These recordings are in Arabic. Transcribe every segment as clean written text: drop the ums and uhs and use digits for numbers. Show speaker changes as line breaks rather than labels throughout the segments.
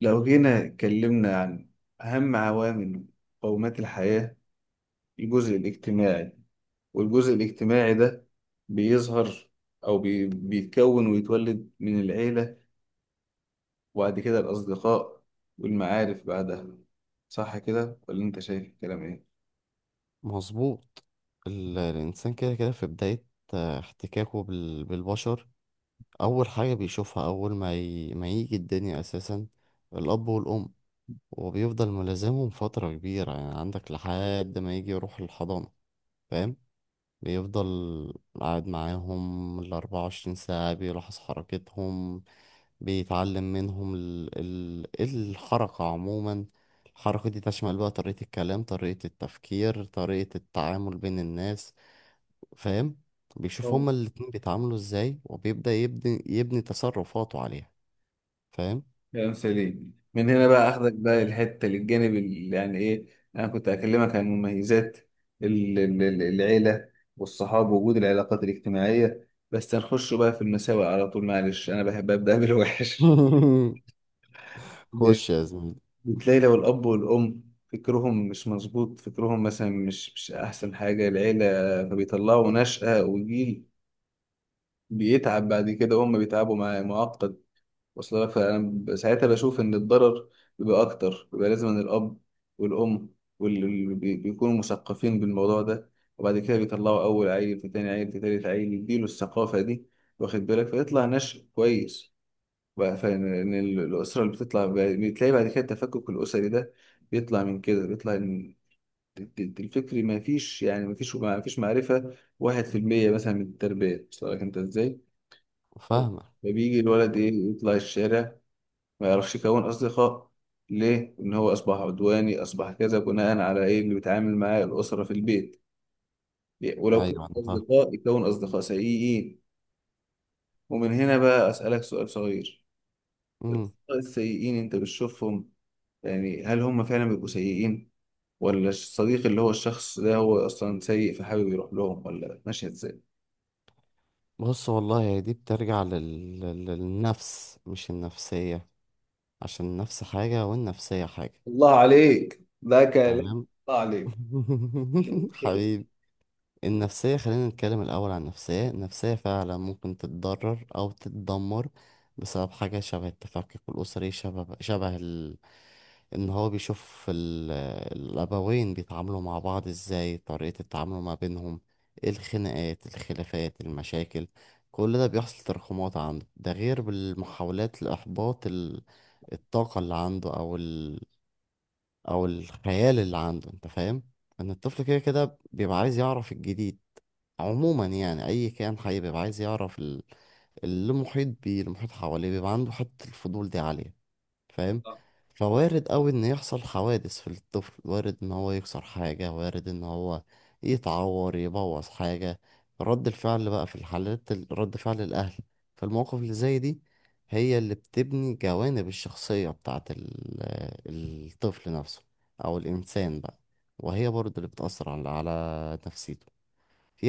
لو جينا اتكلمنا عن أهم عوامل مقومات الحياة، الجزء الاجتماعي. والجزء الاجتماعي ده بيظهر أو بيتكون ويتولد من العيلة، وبعد كده الأصدقاء والمعارف بعدها. صح كده ولا أنت شايف الكلام إيه؟
مظبوط. الإنسان كده كده في بداية احتكاكه بالبشر. أول حاجة بيشوفها أول ما يجي الدنيا أساسا الأب والأم. وبيفضل ملازمهم فترة كبيرة، يعني عندك لحد ما يجي يروح الحضانة. فاهم؟ بيفضل قاعد معاهم الـ24 ساعة، بيلاحظ حركتهم، بيتعلم منهم الحركة عموما. الحركة دي تشمل بقى طريقة الكلام، طريقة التفكير، طريقة التعامل بين الناس. فاهم؟ بيشوف هما الاتنين بيتعاملوا ازاي، وبيبدأ يبني تصرفاته عليها. فاهم؟
كلام سليم. من هنا بقى اخدك بقى الحته للجانب اللي يعني ايه. انا كنت اكلمك عن مميزات العيله والصحاب ووجود العلاقات الاجتماعيه، بس هنخش بقى في المساوئ على طول. معلش، انا بحب ابدا بالوحش. ب-
خش يا زميلي.
بتلاقي لو الاب والام فكرهم مش مظبوط، فكرهم مثلا مش احسن حاجه العيله، فبيطلعوا نشأة وجيل بيتعب بعد كده، وهم بيتعبوا معقد. وصل لك؟ فأنا ساعتها بشوف إن الضرر بيبقى أكتر، بيبقى لازم إن الأب والأم واللي بيكونوا مثقفين بالموضوع ده، وبعد كده بيطلعوا أول عيل في تاني عيل في تالت عيل يديله الثقافة دي، واخد بالك، فيطلع نشء كويس. بقى، فإن الأسرة اللي بتطلع بتلاقي بعد كده التفكك الأسري ده بيطلع من كده. بيطلع إن الفكري، ما فيش، يعني ما فيش معرفة، 1% مثلا من التربية. وصل لك أنت إزاي؟
فاهمة.
فبيجي الولد إيه، يطلع الشارع ما يعرفش يكون أصدقاء. ليه؟ إن هو أصبح عدواني، أصبح كذا، بناء على إيه اللي بيتعامل معاه الأسرة في البيت. ليه؟ ولو
ايوه
كان
انا فاهم.
أصدقاء يكون أصدقاء سيئين. ومن هنا بقى أسألك سؤال صغير.
مم.
الأصدقاء السيئين أنت بتشوفهم، يعني هل هم فعلا بيبقوا سيئين، ولا الصديق اللي هو الشخص ده هو أصلا سيء فحابب يروح لهم، ولا ماشية إزاي؟
بص والله، هي دي بترجع للنفس، مش النفسية. عشان النفس حاجة والنفسية حاجة.
الله عليك، ده كلام.
تمام.
الله عليك.
حبيبي. النفسية، خلينا نتكلم الأول عن النفسية. النفسية فعلا ممكن تتضرر أو تتدمر بسبب حاجة شبه التفكك الأسري، شبه إن هو بيشوف الأبوين بيتعاملوا مع بعض إزاي، طريقة التعامل ما بينهم، الخناقات، الخلافات، المشاكل. كل ده بيحصل تراكمات عنده، ده غير بالمحاولات لإحباط الطاقة اللي عنده أو الخيال اللي عنده. انت فاهم؟ ان الطفل كده كده بيبقى عايز يعرف الجديد. عموما يعني اي كائن حي بيبقى عايز يعرف اللي محيط بيه، المحيط حواليه، بيبقى عنده حتة الفضول دي عالية. فاهم؟ فوارد قوي ان يحصل حوادث في الطفل. وارد ان هو يكسر حاجة، وارد ان هو يتعور، يبوظ حاجة. رد الفعل بقى في الحالات رد فعل الاهل، فالمواقف اللي زي دي هي اللي بتبني جوانب الشخصية بتاعت الطفل نفسه، او الانسان بقى. وهي برضه اللي بتأثر على نفسيته.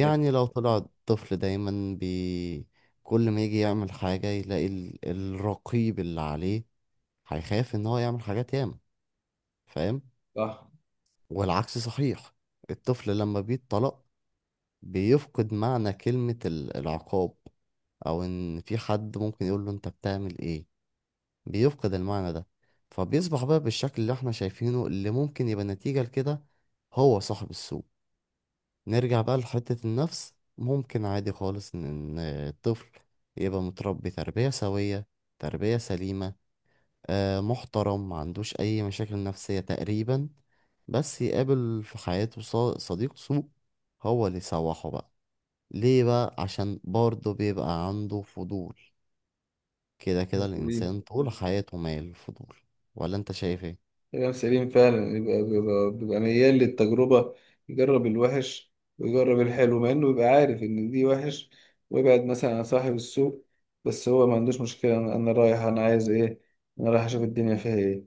ده
لو طلع الطفل دايما كل ما يجي يعمل حاجة يلاقي الرقيب اللي عليه، هيخاف ان هو يعمل حاجات ياما. فاهم؟
صح.
والعكس صحيح. الطفل لما بيتطلق بيفقد معنى كلمة العقاب، او ان في حد ممكن يقول له انت بتعمل ايه. بيفقد المعنى ده. فبيصبح بقى بالشكل اللي احنا شايفينه، اللي ممكن يبقى نتيجة لكده هو صاحب السوء. نرجع بقى لحتة النفس. ممكن عادي خالص ان إن الطفل يبقى متربي تربية سوية، تربية سليمة، محترم، ما عندوش أي مشاكل نفسية تقريبا. بس يقابل في حياته صديق سوء، هو اللي يسوحه بقى. ليه بقى؟ عشان برضه بيبقى عنده فضول. كده كده
بس دي
الإنسان طول حياته مايل للفضول. ولا أنت شايف إيه؟
كلام سليم فعلا. يبقى بيبقى ميال للتجربة، يجرب الوحش ويجرب الحلو مع انه يبقى عارف ان دي وحش، ويبعد مثلا عن صاحب السوق. بس هو ما عندوش مشكلة. انا رايح، انا عايز ايه، انا رايح اشوف الدنيا فيها ايه.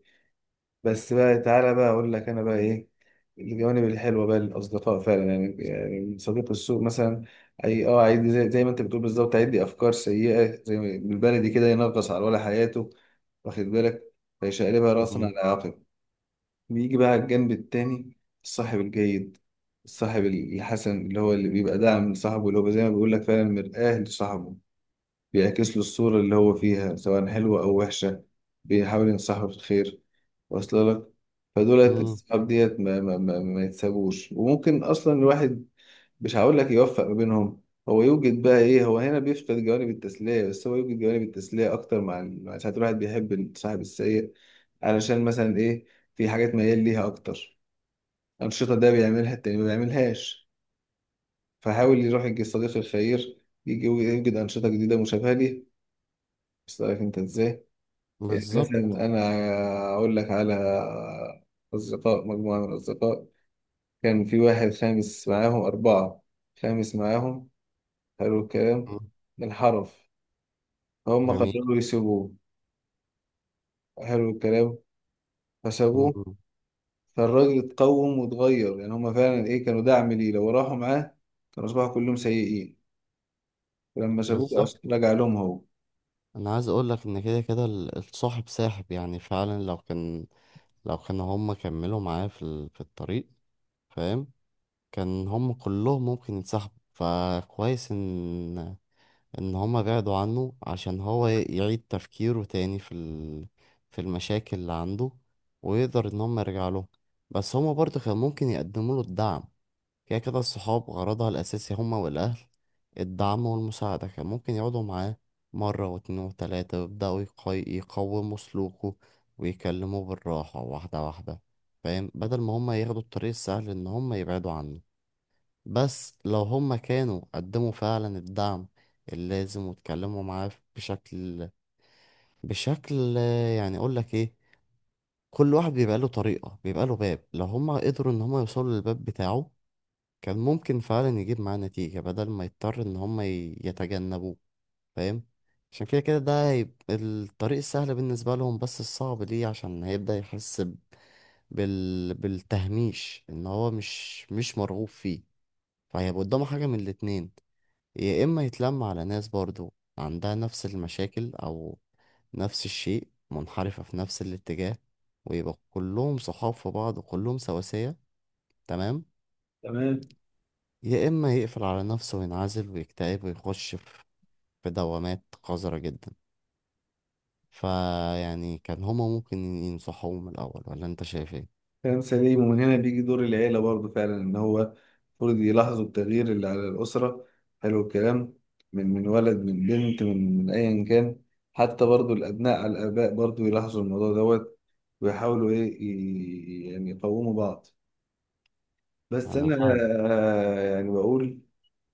بس بقى تعالى بقى اقول لك انا بقى ايه. الجوانب الحلوة بقى للأصدقاء فعلا يعني. يعني صديق السوق مثلا، أي أه، عادي، زي ما أنت بتقول بالظبط، عادي، أفكار سيئة زي ما بالبلدي كده، ينغص على ولا حياته، واخد بالك، فيشقلبها رأسا
مم.
على عقب. بيجي بقى على الجنب التاني، الصاحب الجيد، الصاحب الحسن، اللي هو اللي بيبقى داعم لصاحبه، اللي هو زي ما بيقول لك فعلا مرآة لصاحبه، بيعكس له الصورة اللي هو فيها، سواء حلوة أو وحشة، بيحاول ينصحه في الخير. واصل لك؟ فدولت
مم.
الصحاب ديت ما يتسابوش، وممكن أصلا الواحد مش هقول لك يوفق ما بينهم. هو يوجد بقى ايه، هو هنا بيفقد جوانب التسلية، بس هو يوجد جوانب التسلية اكتر مع مع ساعات الواحد بيحب صاحب السيء، علشان مثلا ايه، في حاجات ميال ليها اكتر، انشطة ده بيعملها التاني ما بيعملهاش، فحاول يروح يجي الصديق الخير يجي يوجد انشطة جديدة مشابهة ليه، بس عارف انت ازاي. يعني مثلا
بالظبط.
انا اقول لك على اصدقاء، مجموعة من الاصدقاء، كان في واحد خامس معاهم اربعة، خامس معاهم. حلو الكلام،
مم.
الحرف. فهم
جميل.
قرروا يسيبوه. حلو الكلام. فسابوه.
مم.
فالراجل اتقوم واتغير. يعني هم فعلا ايه، كانوا دعم ليه، لو راحوا معاه كانوا اصبحوا كلهم سيئين، ولما سابوه
بالظبط.
رجع لهم هو.
أنا عايز أقول لك إن كده كده الصاحب ساحب. يعني فعلا لو كان هما كملوا معاه في الطريق. فاهم؟ كان هم كلهم ممكن يتسحبوا. فكويس ان هم بعدوا عنه عشان هو يعيد تفكيره تاني في في المشاكل اللي عنده، ويقدر ان هم يرجع له. بس هم برضه كان ممكن يقدموا له الدعم. كده كده الصحاب غرضها الاساسي هم والاهل الدعم والمساعدة. كان ممكن يقعدوا معاه مرة واتنين وتلاتة ويبدأوا يقوموا سلوكه، ويكلموه بالراحة، واحدة واحدة. فاهم؟ بدل ما هم ياخدوا الطريق السهل ان هم يبعدوا عنه. بس لو هم كانوا قدموا فعلا الدعم اللازم، واتكلموا معاه بشكل، يعني اقول لك ايه؟ كل واحد بيبقى له طريقة، بيبقى له باب. لو هم قدروا ان هم يوصلوا للباب بتاعه، كان ممكن فعلا يجيب معاه نتيجة بدل ما يضطر ان هم يتجنبوه. فاهم؟ عشان كده كده ده هيبقى الطريق السهل بالنسبة لهم، بس الصعب ليه عشان هيبدأ يحس بالتهميش، ان هو مش مرغوب فيه. فهيبقى قدامه حاجة من الاتنين: يا إما يتلم على ناس برضو عندها نفس المشاكل أو نفس الشيء، منحرفة في نفس الاتجاه، ويبقى كلهم صحاب في بعض وكلهم سواسية. تمام.
تمام.
يا إما يقفل على نفسه وينعزل ويكتئب ويخش في في دوامات قذرة جدا. فيعني كان هما ممكن ينصحوه من الأول. ولا أنت شايف إيه؟
كلام سليم. ومن هنا بيجي دور العيلة برضه فعلا، إن هو المفروض يلاحظوا التغيير اللي على الأسرة. حلو الكلام. من ولد، من بنت، من أيا كان، حتى برضه الأبناء على الآباء برضه يلاحظوا الموضوع دوت، ويحاولوا إيه يعني يقوموا بعض. بس
أنا
أنا
فاهمك.
يعني بقول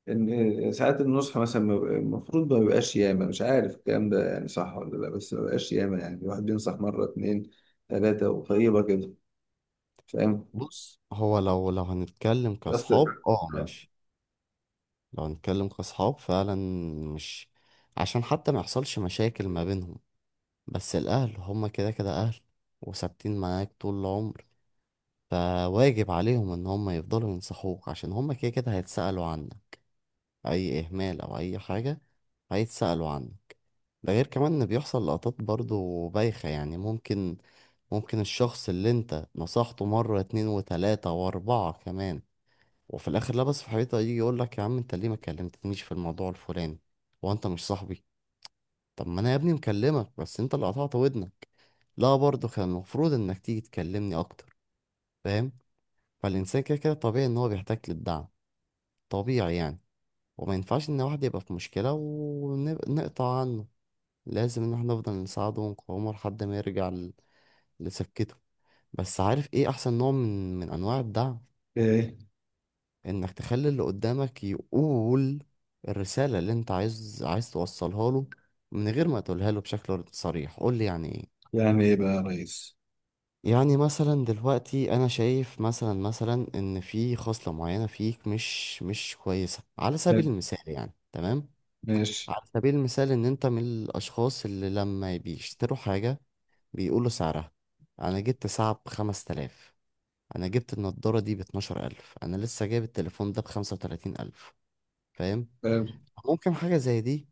إن ساعات النصح مثلا ما بيبقى- المفروض ما بيبقاش ياما، مش عارف الكلام ده يعني صح ولا لأ، بس ما بيبقاش ياما، يعني الواحد بينصح مرة اتنين تلاتة وطيبة كده. فاهم؟
بص هو لو هنتكلم
بس
كأصحاب، اه ماشي، لو هنتكلم كأصحاب فعلا، مش عشان حتى ما يحصلش مشاكل ما بينهم. بس الأهل هما كده كده أهل، وثابتين معاك طول العمر. فواجب عليهم إن هما يفضلوا ينصحوك، عشان هما كده كده هيتسألوا عنك. أي إهمال أو أي حاجة هيتسألوا عنك. ده غير كمان إن بيحصل لقطات برضو بايخة يعني، ممكن الشخص اللي أنت نصحته مرة اتنين وتلاتة وأربعة كمان، وفي الآخر لبس في حيطة، يجي يقولك يا عم أنت ليه ما كلمتنيش في الموضوع الفلاني؟ وأنت مش صاحبي. طب ما انا يا ابني مكلمك، بس انت اللي قطعت ودنك. لا برضه كان المفروض انك تيجي تكلمني اكتر. فاهم؟ فالانسان كده كده طبيعي ان هو بيحتاج للدعم، طبيعي يعني. وما ينفعش ان واحد يبقى في مشكلة ونقطع عنه. لازم ان احنا نفضل نساعده ونقومه لحد ما يرجع لسكته. بس عارف ايه احسن نوع من انواع الدعم؟
ايه؟
انك تخلي اللي قدامك يقول الرسالة اللي انت عايز توصلها له من غير ما تقولها له بشكل صريح. قول لي يعني ايه؟
يعني ايه بقى يا ريس؟
يعني مثلا دلوقتي انا شايف مثلا ان في خصلة معينة فيك مش كويسة، على
حلو.
سبيل المثال يعني، تمام،
ماشي.
على سبيل المثال ان انت من الاشخاص اللي لما بيشتروا حاجة بيقولوا سعرها: انا جبت ساعة بـ5000، انا جبت النضارة دي بـ12000، انا لسه جايب التليفون ده بـ35000. فاهم؟
حلو.
ممكن حاجة زي دي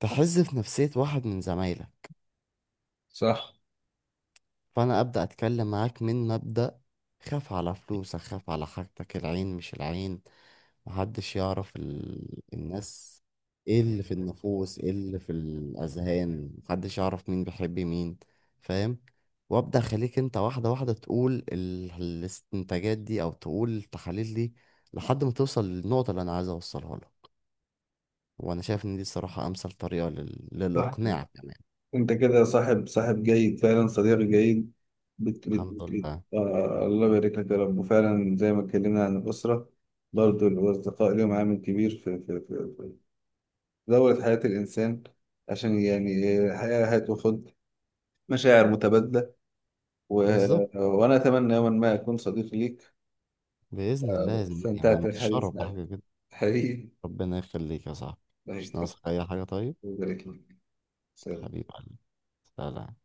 تحز في نفسية واحد من زمايلك.
صح،
فانا ابدا اتكلم معاك من مبدا: خاف على فلوسك، خاف على حاجتك، العين مش العين، محدش يعرف الناس ايه اللي في النفوس، ايه اللي في الاذهان، محدش يعرف مين بيحب مين. فاهم؟ وابدا اخليك انت واحده واحده تقول الاستنتاجات دي او تقول التحاليل دي لحد ما توصل للنقطه اللي انا عايز اوصلها لك. وانا شايف ان دي الصراحه امثل طريقه
صح.
للاقناع كمان.
انت كده صاحب جيد فعلا، صديق جيد. بت بت
الحمد
بت بت.
لله.
الله يبارك لك يا رب. وفعلا زي ما اتكلمنا عن الأسرة، برضو الأصدقاء لهم عامل كبير في دورة حياة الإنسان. عشان يعني الحياة هتاخد مشاعر متبادلة و...
بالظبط.
وأنا أتمنى يوما ما أكون صديق ليك.
باذن الله يا زميلي انا
استمتعت بالحديث
انتشرف
معك،
بحاجه.
حبيبي.
ربنا يخليك يا صاحبي.
الله
مش
يكرمك.
ناقصك أي حاجة طيب.
الله يبارك لك. سلام.
حبيب قلبي. سلام.